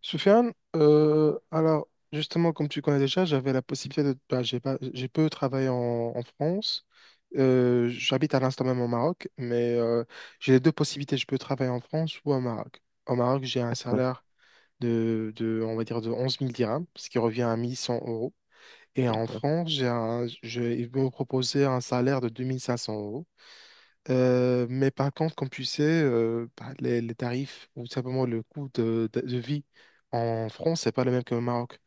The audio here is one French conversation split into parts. Soufiane, alors justement, comme tu connais déjà, j'avais la possibilité de. Bah, j'ai pas, j'ai peu travaillé en France. J'habite à l'instant même au Maroc, mais j'ai les deux possibilités. Je peux travailler en France ou au Maroc. Au Maroc, j'ai un D'accord, salaire de, on va dire, de onze mille dirhams, ce qui revient à mille cent euros. Et en d'accord, France, ils m'ont proposé un salaire de deux mille cinq cents euros. Mais par contre, comme tu sais, bah, les tarifs ou simplement le coût de vie en France, c'est pas le même qu'au Maroc.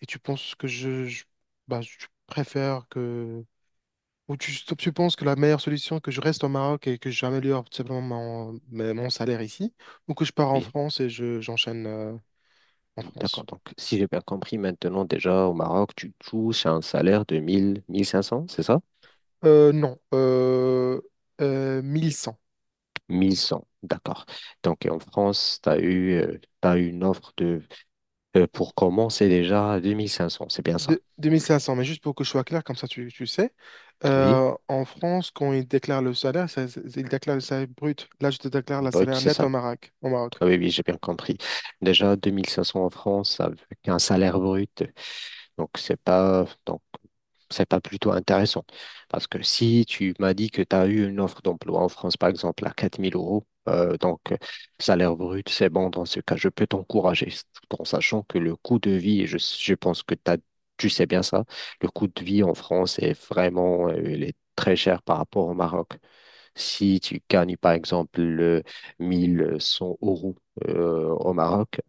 Et tu penses que bah, je préfère que. Ou tu penses que la meilleure solution, que je reste au Maroc et que j'améliore tout simplement mon salaire ici, ou que je pars en oui. France et j'enchaîne en D'accord. France? Donc, si j'ai bien compris, maintenant, déjà, au Maroc, tu touches un salaire de 1000, 1500, c'est ça? Non, 1100. 1100, d'accord. Donc, et en France, t'as eu une offre de, pour commencer déjà à 2500, c'est bien ça? Deux mille cinq cents mais juste pour que je sois clair, comme ça tu sais, Oui, en France, quand ils déclarent le salaire, ils déclarent le salaire brut. Là, je te déclare le brut, salaire c'est net ça. au Maroc. Au Maroc. Ah oui, oui, j'ai bien compris. Déjà, 2500 en France avec un salaire brut. Donc, c'est pas plutôt intéressant. Parce que si tu m'as dit que tu as eu une offre d'emploi en France, par exemple, à 4000 euros, salaire brut, c'est bon dans ce cas, je peux t'encourager, tout en sachant que le coût de vie, et je pense que tu sais bien ça, le coût de vie en France est vraiment, il est très cher par rapport au Maroc. Si tu gagnes, par exemple, 1100 euros au Maroc,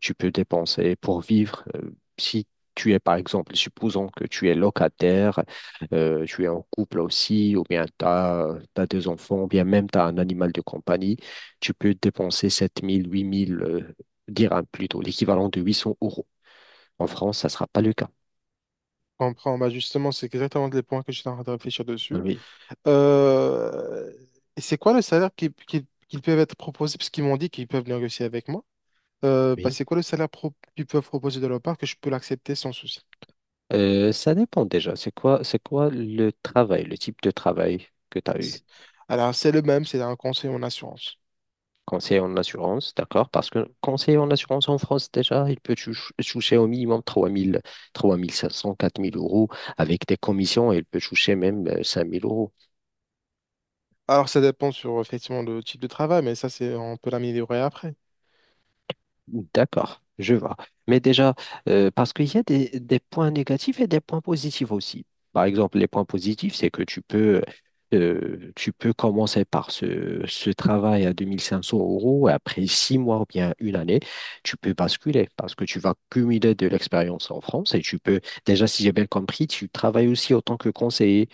tu peux dépenser pour vivre. Si tu es, par exemple, supposons que tu es locataire, tu es en couple aussi, ou bien tu as des enfants, ou bien même tu as un animal de compagnie, tu peux dépenser 7000, 8000 dirhams plutôt, l'équivalent de 800 euros. En France, ça ne sera pas le cas. Je comprends. Bah justement, c'est exactement les points que j'étais en train de réfléchir Ah dessus. oui. Euh, et c'est quoi le salaire qu'ils peuvent être proposés, parce qu'ils m'ont dit qu'ils peuvent négocier avec moi. Bah, Oui. c'est quoi le salaire qu'ils peuvent proposer de leur part que je peux l'accepter sans souci? Ça dépend déjà. C'est quoi le travail, le type de travail que tu as eu? Alors, c'est le même, c'est un conseil en assurance. Conseiller en assurance, d'accord? Parce que conseiller en assurance en France, déjà, il peut toucher au minimum 3000, 3500, 4000 € avec des commissions et il peut toucher même cinq mille euros. Alors, ça dépend sur effectivement le type de travail, mais ça, c'est on peut l'améliorer après. D'accord, je vois. Mais déjà, parce qu'il y a des points négatifs et des points positifs aussi. Par exemple, les points positifs, c'est que tu peux commencer par ce travail à 2500 € et après 6 mois ou bien une année, tu peux basculer parce que tu vas cumuler de l'expérience en France et tu peux, déjà, si j'ai bien compris, tu travailles aussi en tant que conseiller,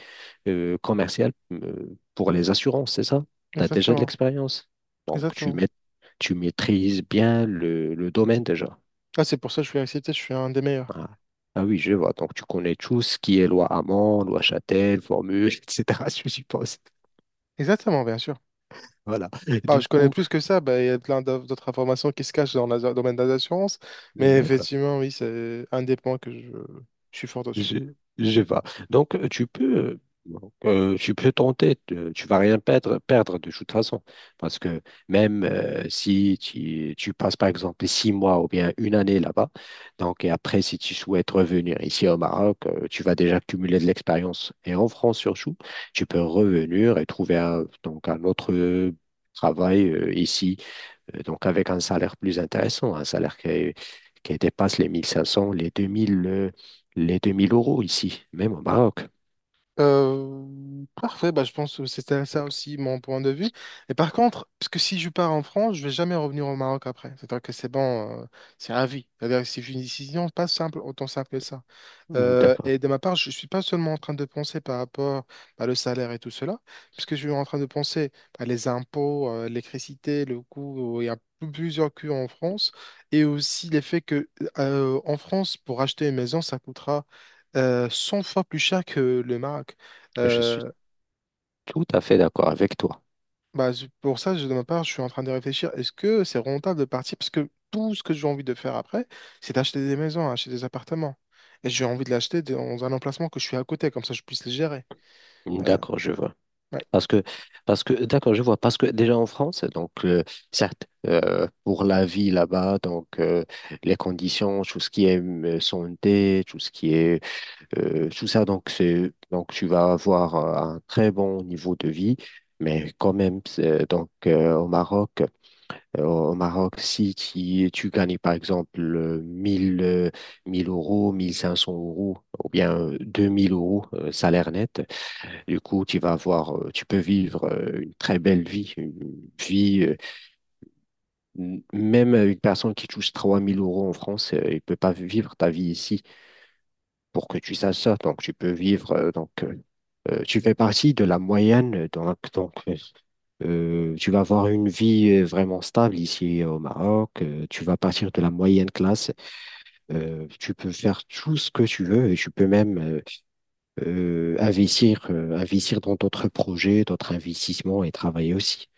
commercial, pour les assurances, c'est ça? Tu as déjà de Exactement, l'expérience. Donc, exactement. Tu maîtrises bien le domaine déjà. Ah, c'est pour ça que je suis accepté, je suis un des meilleurs. Ah. Ah oui, je vois. Donc, tu connais tout ce qui est loi Hamon, loi Châtel, formule, etc., je suppose. Exactement, bien sûr. Voilà. Bah, Du je connais coup, plus que ça, bah, il y a plein d'autres informations qui se cachent dans le domaine des assurances, mais d'accord. effectivement, oui, c'est un des points que je suis fort dessus. Je, je vais. Donc, tu peux tenter, tu vas rien perdre de toute façon. Parce que même si tu passes, par exemple, 6 mois ou bien une année là-bas, donc, et après, si tu souhaites revenir ici au Maroc, tu vas déjà cumuler de l'expérience. Et en France surtout, tu peux revenir et trouver un, donc, un autre travail ici donc, avec un salaire plus intéressant, un salaire qui dépasse les 1500, les 2000 euros ici, même au Maroc. Parfait, bah, je pense que c'était ça aussi mon point de vue. Et par contre, parce que si je pars en France, je vais jamais revenir au Maroc après. C'est-à-dire que c'est bon, c'est à vie. C'est-à-dire que si j'ai une décision, pas simple, autant simple que ça. Mm, d'accord. Et de ma part, je ne suis pas seulement en train de penser par rapport à le salaire et tout cela, puisque je suis en train de penser à les impôts, l'électricité, le coût, il y a plusieurs coûts en France, et aussi l'effet que en France, pour acheter une maison, ça coûtera 100 fois plus cher que le Maroc. Je suis Euh, tout à fait d'accord avec toi. Bah, c'est pour ça, de ma part, je suis en train de réfléchir, est-ce que c'est rentable de partir? Parce que tout ce que j'ai envie de faire après, c'est d'acheter des maisons, hein, acheter des appartements. Et j'ai envie de l'acheter dans un emplacement que je suis à côté, comme ça je puisse les gérer. Mm, Bah, d'accord, je vois. ouais. Parce que, parce que, d'accord, je vois. Parce que déjà en France, donc, certes, pour la vie là-bas, donc, les conditions, tout ce qui est santé, tout ce qui est tout ça, donc, c'est, donc, tu vas avoir un très bon niveau de vie, mais quand même, donc, au Maroc, si tu gagnes, par exemple, 1000 euros, 1500 euros, ou bien 2000 euros, salaire net, du coup, tu peux vivre une très belle vie, vie, euh, même une personne qui touche 3000 € en France, il peut pas vivre ta vie ici pour que tu saches ça. Donc, tu peux vivre tu fais partie de la moyenne, tu vas avoir une vie vraiment stable ici au Maroc, tu vas partir de la moyenne classe, tu peux faire tout ce que tu veux et tu peux même investir dans d'autres projets, d'autres investissements et travailler aussi.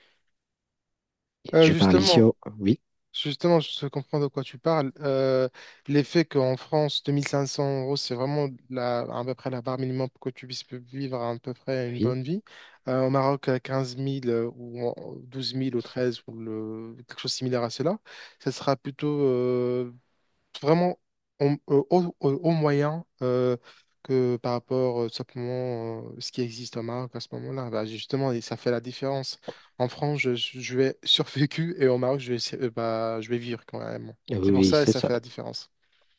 Euh, Je parle ici justement, au... Oui, Justement, je comprends de quoi tu parles. L'effet qu'en France, 2500 euros, c'est vraiment à peu près la barre minimum pour que tu puisses vivre à, peu près une oui, bonne vie. Au Maroc, à 15 000 ou 12 000 ou 13 ou le, quelque chose de similaire à cela, ça sera plutôt vraiment au moyen que par rapport simplement ce qui existe au Maroc à ce moment-là. Bah, justement, et ça fait la différence. En France, je vais survécu et au Maroc, bah, je vais vivre quand même. C'est pour oui, ça et c'est ça ça. fait la différence.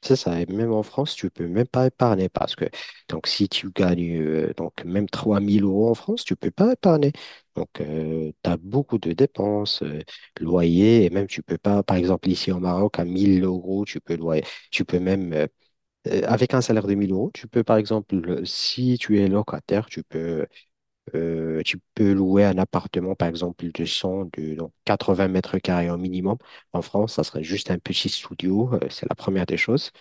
C'est ça, et même en France, tu peux même pas épargner parce que donc si tu gagnes donc même 3000 € en France, tu peux pas épargner. Donc tu as beaucoup de dépenses, loyer, et même tu peux pas, par exemple ici au Maroc, à 1000 euros, tu peux loyer, tu peux même, euh, avec un salaire de 1000 euros, tu peux par exemple, si tu es locataire, tu peux louer un appartement par exemple de 100 de donc 80 mètres carrés au minimum. En France, ça serait juste un petit studio, c'est la première des choses.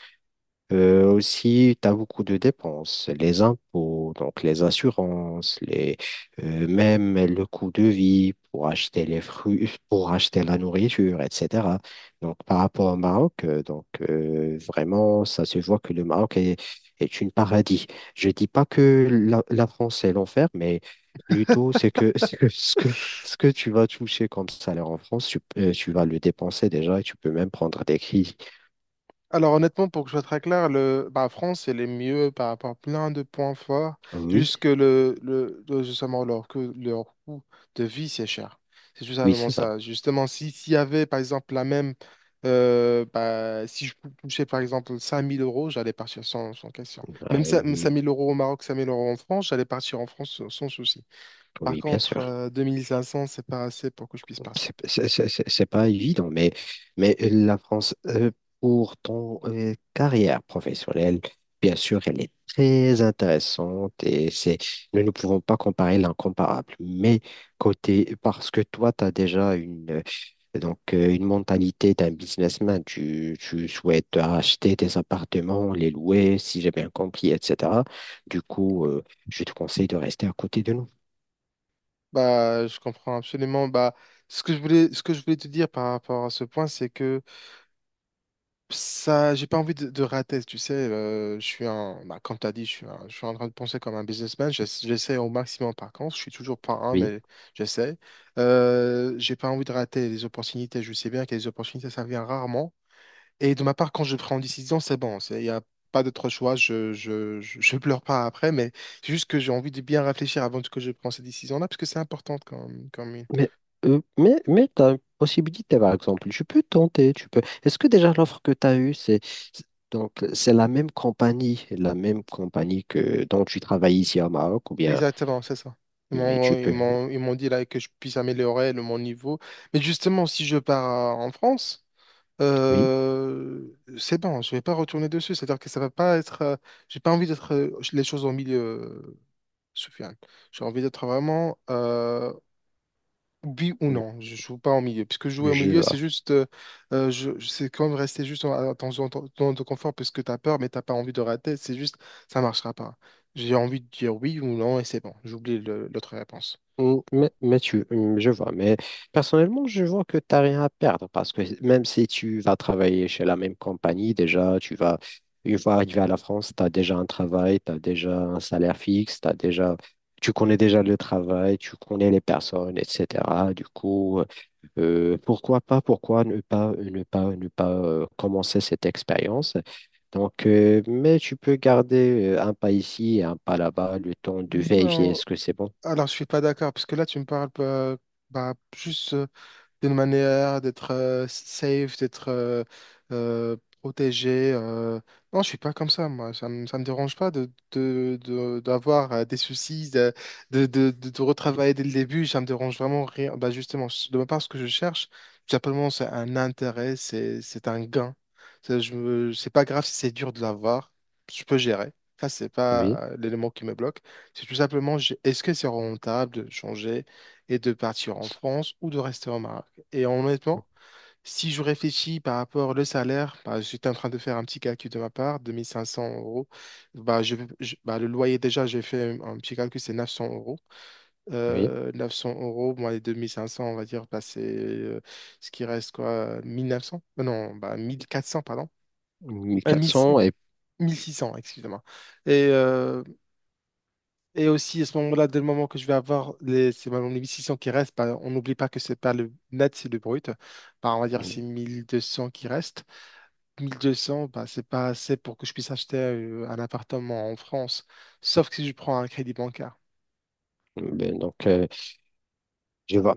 Aussi, tu as beaucoup de dépenses, les impôts, donc les assurances, les, même le coût de vie pour acheter les fruits, pour acheter la nourriture, etc. Donc, par rapport au Maroc, vraiment, ça se voit que le Maroc est une paradis. Je dis pas que la France est l'enfer, mais plutôt c'est que ce que tu vas toucher comme salaire en France, tu vas le dépenser déjà et tu peux même prendre des crises. Alors honnêtement, pour que je sois très clair, bah, France, elle est mieux par rapport à plein de points forts, Oui, juste que justement, que leur coût de vie, c'est cher. C'est tout oui, simplement c'est ça. ça. Justement, si, s'il y avait, par exemple, bah, si je touchais, par exemple, 5000 euros, j'allais partir sans question. Même Euh, 5000 € au Maroc, 5000 € en France, j'allais partir en France sans souci. Par oui, bien contre, sûr. 2500, c'est pas assez pour que je puisse partir. C'est pas évident, mais la France, pour ton carrière professionnelle, bien sûr, elle est très intéressante et c'est, nous ne pouvons pas comparer l'incomparable. Mais côté, parce que toi, tu as déjà une mentalité d'un businessman, tu souhaites acheter des appartements, les louer, si j'ai bien compris, etc. Du coup, je te conseille de rester à côté de nous. Bah, je comprends absolument. Bah, ce que je voulais te dire par rapport à ce point, c'est que ça, j'ai pas envie de rater. Tu sais, bah, comme t'as dit, je suis en train de penser comme un businessman. J'essaie au maximum. Par contre, je suis toujours pas un, mais j'essaie. J'ai pas envie de rater les opportunités. Je sais bien que les opportunités, ça vient rarement. Et de ma part, quand je prends une décision, c'est bon. Il y a pas d'autre choix. Je pleure pas après, mais c'est juste que j'ai envie de bien réfléchir avant que je prenne cette décision-là, parce que c'est important comme. Mais, mais tu as une possibilité, par exemple. Tu peux tenter, tu peux. Est-ce que déjà l'offre que tu as eue, c'est- donc c'est la même compagnie que dont tu travailles ici au Maroc, ou bien, Exactement, c'est ça. Ils mais tu m'ont, ils peux. m'ont, ils m'ont dit là que je puisse améliorer mon niveau. Mais justement, si je pars en France, Oui, c'est bon, je vais pas retourner dessus. C'est-à-dire que ça va pas être. J'ai pas envie d'être les choses au milieu, Soufiane. J'ai envie d'être vraiment oui ou non, je joue pas en milieu. Puisque jouer au je milieu, c'est vois. juste, c'est quand même rester juste dans ton ton zone de confort parce que tu as peur, mais t'as pas envie de rater. C'est juste, ça marchera pas. J'ai envie de dire oui ou non et c'est bon. J'oublie l'autre réponse. Mm, mais je vois, mais personnellement, je vois que tu n'as rien à perdre parce que même si tu vas travailler chez la même compagnie, déjà, tu vas, une fois arrivé à la France, tu as déjà un travail, tu as déjà un salaire fixe, t'as déjà, tu connais déjà le travail, tu connais les personnes, etc. Du coup, pourquoi pas, pourquoi ne pas commencer cette expérience? Donc, mais tu peux garder un pas ici et un pas là-bas, le temps de vérifier Non, est-ce que c'est bon. alors je suis pas d'accord parce que là tu me parles bah, juste d'une manière, d'être safe, d'être euh, protégé. Non, je suis pas comme ça, moi. Ça me dérange pas d'avoir des soucis, de retravailler dès le début. Ça me dérange vraiment rien. Bah, justement, de ma part, ce que je cherche, tout simplement, c'est un intérêt, c'est un gain. C'est pas grave si c'est dur de l'avoir. Je peux gérer. Ça, c'est Oui. pas l'élément qui me bloque. C'est tout simplement, est-ce que c'est rentable de changer et de partir en France ou de rester au Maroc? Et honnêtement, si je réfléchis par rapport au salaire, bah, j'étais en train de faire un petit calcul de ma part, 2500 euros. Bah, bah, le loyer, déjà, j'ai fait un petit calcul, c'est 900 euros. Oui, 900 euros, moins les 2500, on va dire, bah, c'est ce qui reste, quoi, 1900? Non, bah, 1400, pardon. 1000 1400 et 1600, excusez-moi. Et euh, et aussi, à ce moment-là, dès le moment que je vais avoir c'est les 1600 qui restent, bah, on n'oublie pas que c'est pas le net, c'est le brut. Bah, on va dire c'est 1200 qui restent. 1200, bah, c'est pas assez pour que je puisse acheter un appartement en France, sauf que si je prends un crédit bancaire. ben, donc je vois.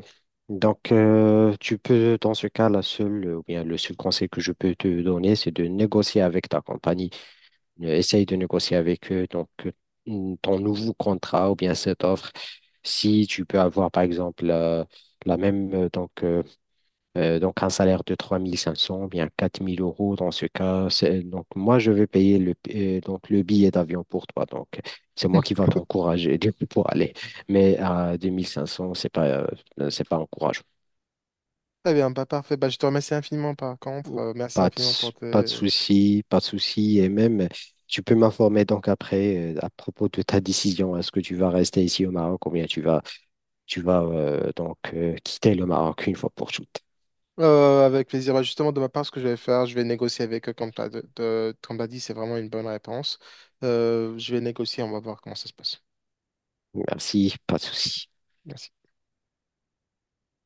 Donc tu peux dans ce cas la seule ou bien le seul conseil que je peux te donner c'est de négocier avec ta compagnie. Essaye de négocier avec eux donc ton nouveau contrat ou bien cette offre. Si tu peux avoir par exemple la même donc, un salaire de 3500 bien 4000 euros dans ce cas. Donc, moi, je vais payer le billet d'avion pour toi. Donc, c'est moi qui va t'encourager du coup, pour aller. Mais à 2500, c'est pas encourageant. Très bien, bah, parfait. Bah, je te remercie infiniment par contre. Merci Pas de, infiniment pour s- pas tes... de souci, pas de souci. Et même, tu peux m'informer donc après à propos de ta décision. Est-ce que tu vas rester ici au Maroc ou bien tu vas, quitter le Maroc une fois pour toutes? Avec plaisir. Bah, justement, de ma part, ce que je vais faire, je vais négocier avec eux, comme tu as, dit, c'est vraiment une bonne réponse. Je vais négocier, on va voir comment ça se passe. Merci, pas de souci. Merci.